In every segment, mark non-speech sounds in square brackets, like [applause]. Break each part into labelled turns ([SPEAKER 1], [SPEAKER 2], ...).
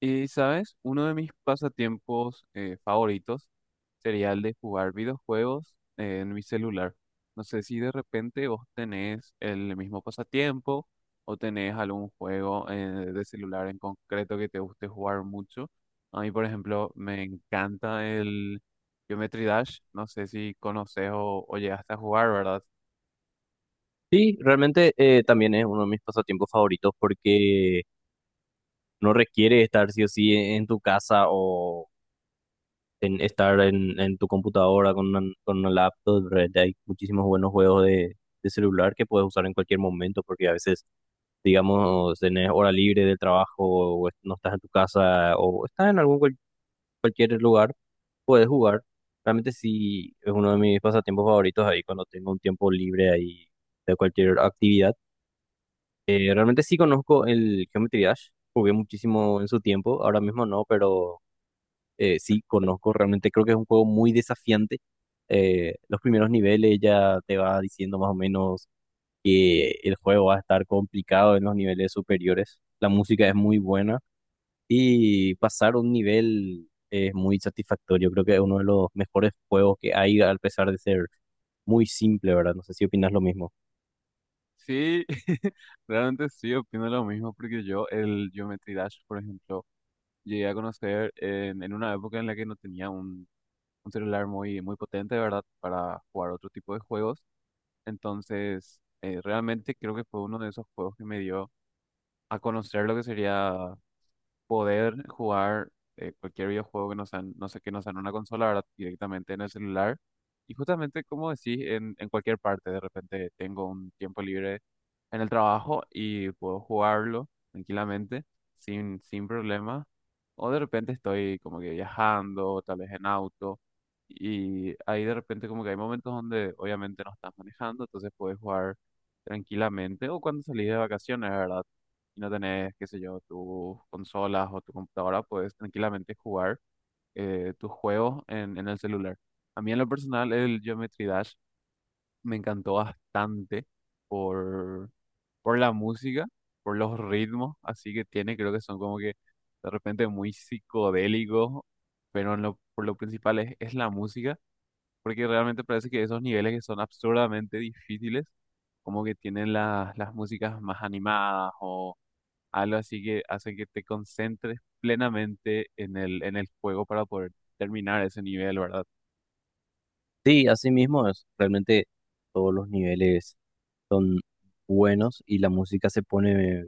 [SPEAKER 1] Y, ¿sabes? Uno de mis pasatiempos favoritos sería el de jugar videojuegos en mi celular. No sé si de repente vos tenés el mismo pasatiempo o tenés algún juego de celular en concreto que te guste jugar mucho. A mí, por ejemplo, me encanta el Geometry Dash. No sé si conoces o llegaste a jugar, ¿verdad?
[SPEAKER 2] Sí, realmente también es uno de mis pasatiempos favoritos porque no requiere estar sí o sí en tu casa o en tu computadora con con una laptop. Realmente hay muchísimos buenos juegos de celular que puedes usar en cualquier momento porque a veces, digamos, tenés hora libre del trabajo o no estás en tu casa o estás en algún cualquier lugar, puedes jugar. Realmente sí es uno de mis pasatiempos favoritos ahí cuando tengo un tiempo libre ahí de cualquier actividad. Realmente sí conozco el Geometry Dash, jugué muchísimo en su tiempo, ahora mismo no, pero sí conozco, realmente creo que es un juego muy desafiante. Los primeros niveles ya te va diciendo más o menos que el juego va a estar complicado en los niveles superiores. La música es muy buena y pasar un nivel es muy satisfactorio. Creo que es uno de los mejores juegos que hay, a pesar de ser muy simple, ¿verdad? No sé si opinas lo mismo.
[SPEAKER 1] Sí, [laughs] realmente sí, opino lo mismo porque yo el Geometry Dash, por ejemplo, llegué a conocer en una época en la que no tenía un celular muy, muy potente, ¿verdad? Para jugar otro tipo de juegos. Entonces, realmente creo que fue uno de esos juegos que me dio a conocer lo que sería poder jugar cualquier videojuego que no sea, no sé, que no sea en una consola, ¿verdad? Directamente en el celular. Y justamente, como decís, en cualquier parte, de repente tengo un tiempo libre en el trabajo y puedo jugarlo tranquilamente, sin problema. O de repente estoy como que viajando, tal vez en auto, y ahí de repente como que hay momentos donde obviamente no estás manejando, entonces puedes jugar tranquilamente. O cuando salís de vacaciones, ¿verdad? Y no tenés, qué sé yo, tus consolas o tu computadora, puedes tranquilamente jugar tus juegos en el celular. A mí en lo personal el Geometry Dash me encantó bastante por por la música, por los ritmos, así que tiene, creo que son como que de repente muy psicodélicos, pero en lo, por lo principal es la música, porque realmente parece que esos niveles que son absurdamente difíciles, como que tienen las músicas más animadas o algo así que hace que te concentres plenamente en el juego para poder terminar ese nivel, ¿verdad?
[SPEAKER 2] Sí, así mismo es. Realmente todos los niveles son buenos y la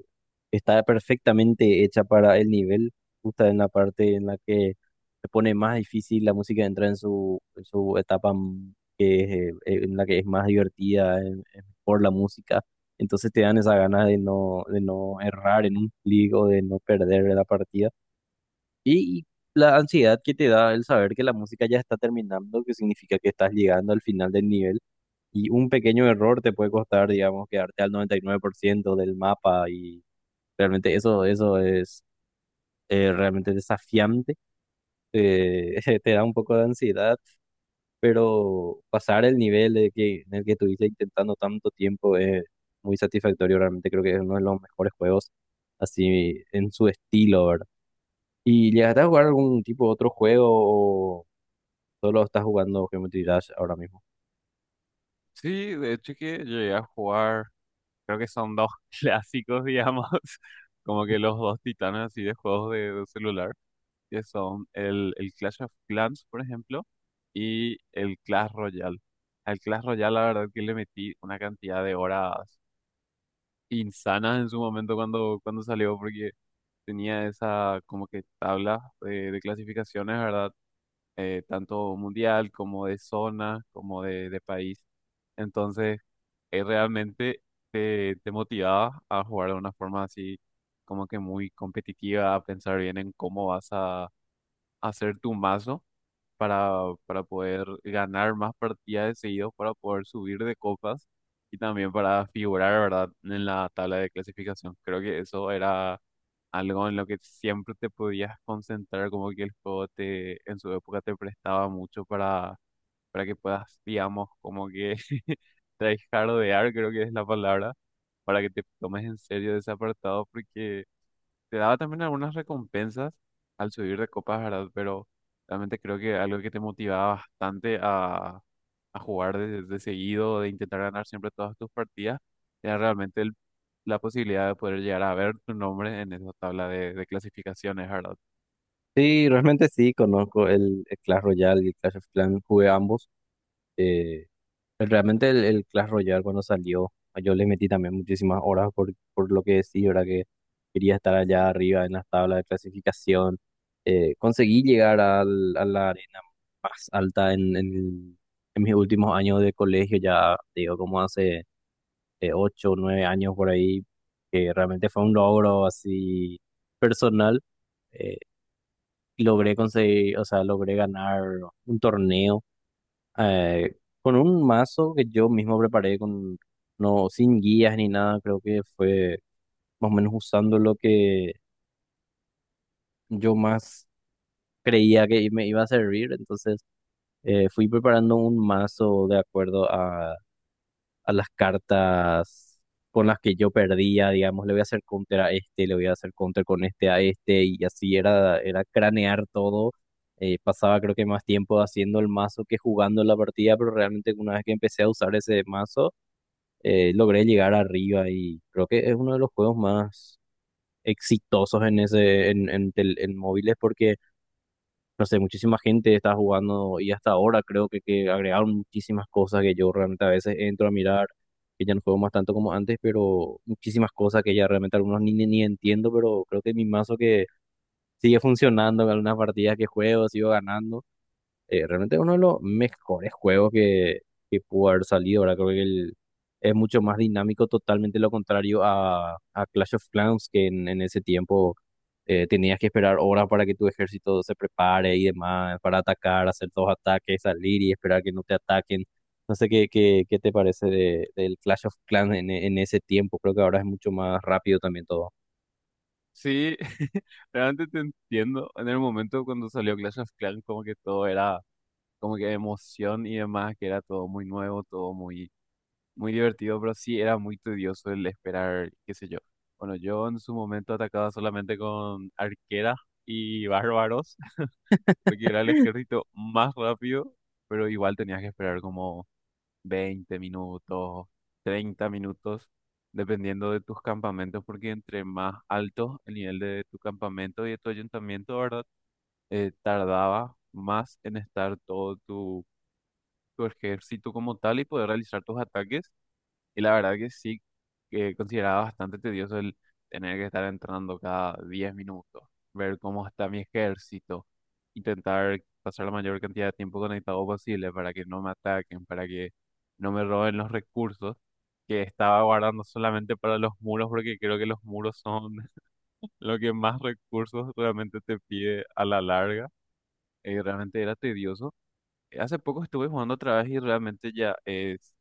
[SPEAKER 2] está perfectamente hecha para el nivel, justo en la parte en la que se pone más difícil, la música entra en en su que en la que es más divertida por la música, entonces te dan esa ganas de no errar en un clic o de no perder la partida. Y la ansiedad que te da el saber que la música ya está terminando, que significa que estás llegando al final del nivel y un pequeño error te puede costar, digamos, quedarte al 99% del mapa y realmente eso es realmente desafiante. [laughs] Te da un poco de ansiedad, pero pasar el nivel en el que estuviste intentando tanto tiempo es muy satisfactorio. Realmente creo que es uno de los mejores juegos así en su estilo, ¿verdad? ¿Y llegaste a jugar algún tipo de otro juego o solo estás jugando Geometry Dash ahora mismo?
[SPEAKER 1] Sí, de hecho que llegué a jugar. Creo que son dos [laughs] clásicos, digamos, [laughs] como que los dos titanes así de juegos de, celular, que son el Clash of Clans, por ejemplo, y el Clash Royale. Al Clash Royale, la verdad que le metí una cantidad de horas insanas en su momento cuando salió, porque tenía esa como que tabla de, clasificaciones, ¿verdad? Tanto mundial como de zona, como de, país. Entonces realmente te motivaba a jugar de una forma así como que muy competitiva, a pensar bien en cómo vas a hacer tu mazo para, para poder ganar más partidas de seguidos, para poder subir de copas y también para figurar, ¿verdad?, en la tabla de clasificación. Creo que eso era algo en lo que siempre te podías concentrar, como que el juego te, en su época te prestaba mucho para, que puedas, digamos, como que [laughs] tryhardear, creo que es la palabra, para que te tomes en serio ese apartado, porque te daba también algunas recompensas al subir de copas, ¿verdad? Pero realmente creo que algo que te motivaba bastante a jugar de, seguido, de intentar ganar siempre todas tus partidas, era realmente la posibilidad de poder llegar a ver tu nombre en esa tabla de, clasificaciones, ¿verdad?
[SPEAKER 2] Sí, realmente sí, conozco el Clash Royale y el Clash of Clans, jugué ambos. Eh, realmente el Clash Royale cuando salió, pues, yo le metí también muchísimas horas por lo que sí, ¿verdad? Que quería estar allá arriba en las tablas de clasificación. Conseguí llegar a la arena más alta en mis últimos años de colegio, ya te digo, como hace ocho o nueve años por ahí, que realmente fue un logro así personal. eh, Logré conseguir, o sea, logré ganar un torneo eh, con un mazo que yo mismo preparé no, sin guías ni nada. Creo que fue más o menos usando lo que yo más creía que me iba a servir, entonces fui preparando un mazo de acuerdo a las cartas con las que yo perdía. Digamos, le voy a hacer counter a este, le voy a hacer counter con este a este, y así era, era cranear todo. Pasaba creo que más tiempo haciendo el mazo que jugando la partida, pero realmente una vez que empecé a usar ese mazo, logré llegar arriba y creo que es uno de los juegos más exitosos en ese, en tel- en móviles, porque no sé, muchísima gente está jugando y hasta ahora creo que agregaron muchísimas cosas que yo realmente a veces entro a mirar, que ya no juego más tanto como antes, pero muchísimas cosas que ya realmente algunos ni entiendo, pero creo que mi mazo que sigue funcionando en algunas partidas que juego, sigo ganando. Realmente uno de los mejores juegos que pudo haber salido. Ahora creo que es mucho más dinámico, totalmente lo contrario a Clash of Clans, que en ese tiempo tenías que esperar horas para que tu ejército se prepare y demás, para atacar, hacer dos ataques, salir y esperar que no te ataquen. No sé qué te parece del Clash of Clans en, en ese tiempo. Creo que ahora es mucho más rápido también todo.
[SPEAKER 1] Sí, [laughs] realmente te entiendo. En el momento cuando salió Clash of Clans, como que todo era como que emoción y demás, que era todo muy nuevo, todo muy divertido, pero sí era muy tedioso el esperar, qué sé yo. Bueno, yo en su momento atacaba solamente con arqueras y bárbaros, [laughs] porque era el ejército más rápido, pero igual tenías que esperar como 20 minutos, 30 minutos, dependiendo de tus campamentos, porque entre más alto el nivel de tu campamento y de tu ayuntamiento, ¿verdad? Tardaba más en estar todo tu, ejército como tal y poder realizar tus ataques. Y la verdad que sí, que consideraba bastante tedioso el tener que estar entrando cada 10 minutos, ver cómo está mi ejército, intentar pasar la mayor cantidad de tiempo conectado posible para que no me ataquen, para que no me roben los recursos que estaba guardando solamente para los muros, porque creo que los muros son [laughs] lo que más recursos realmente te pide a la larga. Y realmente era tedioso. Hace poco estuve jugando otra vez y realmente ya es,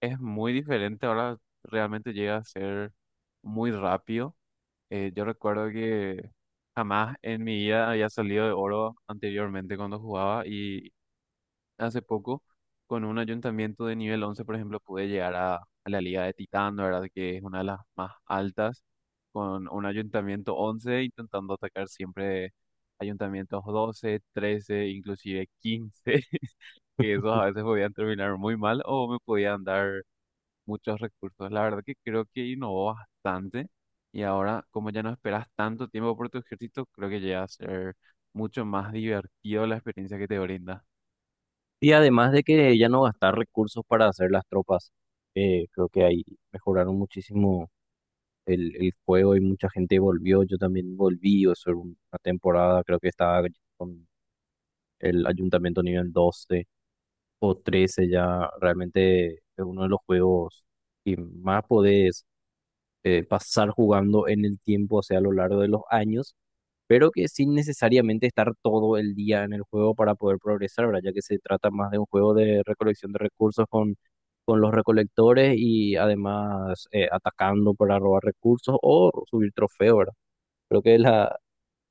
[SPEAKER 1] es muy diferente. Ahora realmente llega a ser muy rápido. Yo recuerdo que jamás en mi vida había salido de oro anteriormente cuando jugaba y hace poco con un ayuntamiento de nivel 11 por ejemplo, pude llegar a la Liga de Titán, ¿verdad? Que es una de las más altas, con un ayuntamiento 11 intentando atacar siempre ayuntamientos 12, 13, inclusive 15 [laughs] que esos a veces podían terminar muy mal o me podían dar muchos recursos. La verdad que creo que innovó bastante y ahora, como ya no esperas tanto tiempo por tu ejército, creo que llega a ser mucho más divertido la experiencia que te brinda.
[SPEAKER 2] Y además de que ya no gastar recursos para hacer las tropas, creo que ahí mejoraron muchísimo el juego y mucha gente volvió, yo también volví, o sea, una temporada creo que estaba con el ayuntamiento nivel 12 o 13 ya. Realmente es uno de los juegos que más podés pasar jugando en el tiempo, o sea, a lo largo de los años, pero que sin necesariamente estar todo el día en el juego para poder progresar, ¿verdad? Ya que se trata más de un juego de recolección de recursos con los recolectores y además atacando para robar recursos o subir trofeos, ¿verdad? Creo que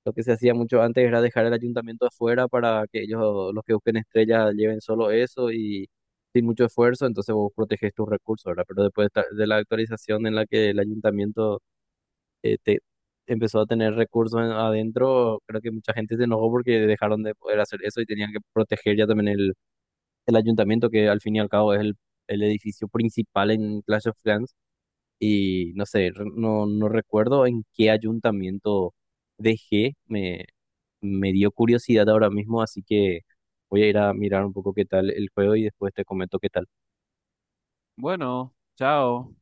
[SPEAKER 2] lo que se hacía mucho antes era dejar el ayuntamiento afuera para que ellos, los que busquen estrellas, lleven solo eso y sin mucho esfuerzo, entonces vos proteges tus recursos, ¿verdad? Pero después de la actualización en la que el ayuntamiento eh, te- empezó a tener recursos adentro, creo que mucha gente se enojó porque dejaron de poder hacer eso y tenían que proteger ya también el ayuntamiento, que al fin y al cabo es el edificio principal en Clash of Clans. Y no sé, no recuerdo en qué ayuntamiento dejé. Me dio curiosidad ahora mismo, así que voy a ir a mirar un poco qué tal el juego y después te comento qué tal.
[SPEAKER 1] Bueno, chao.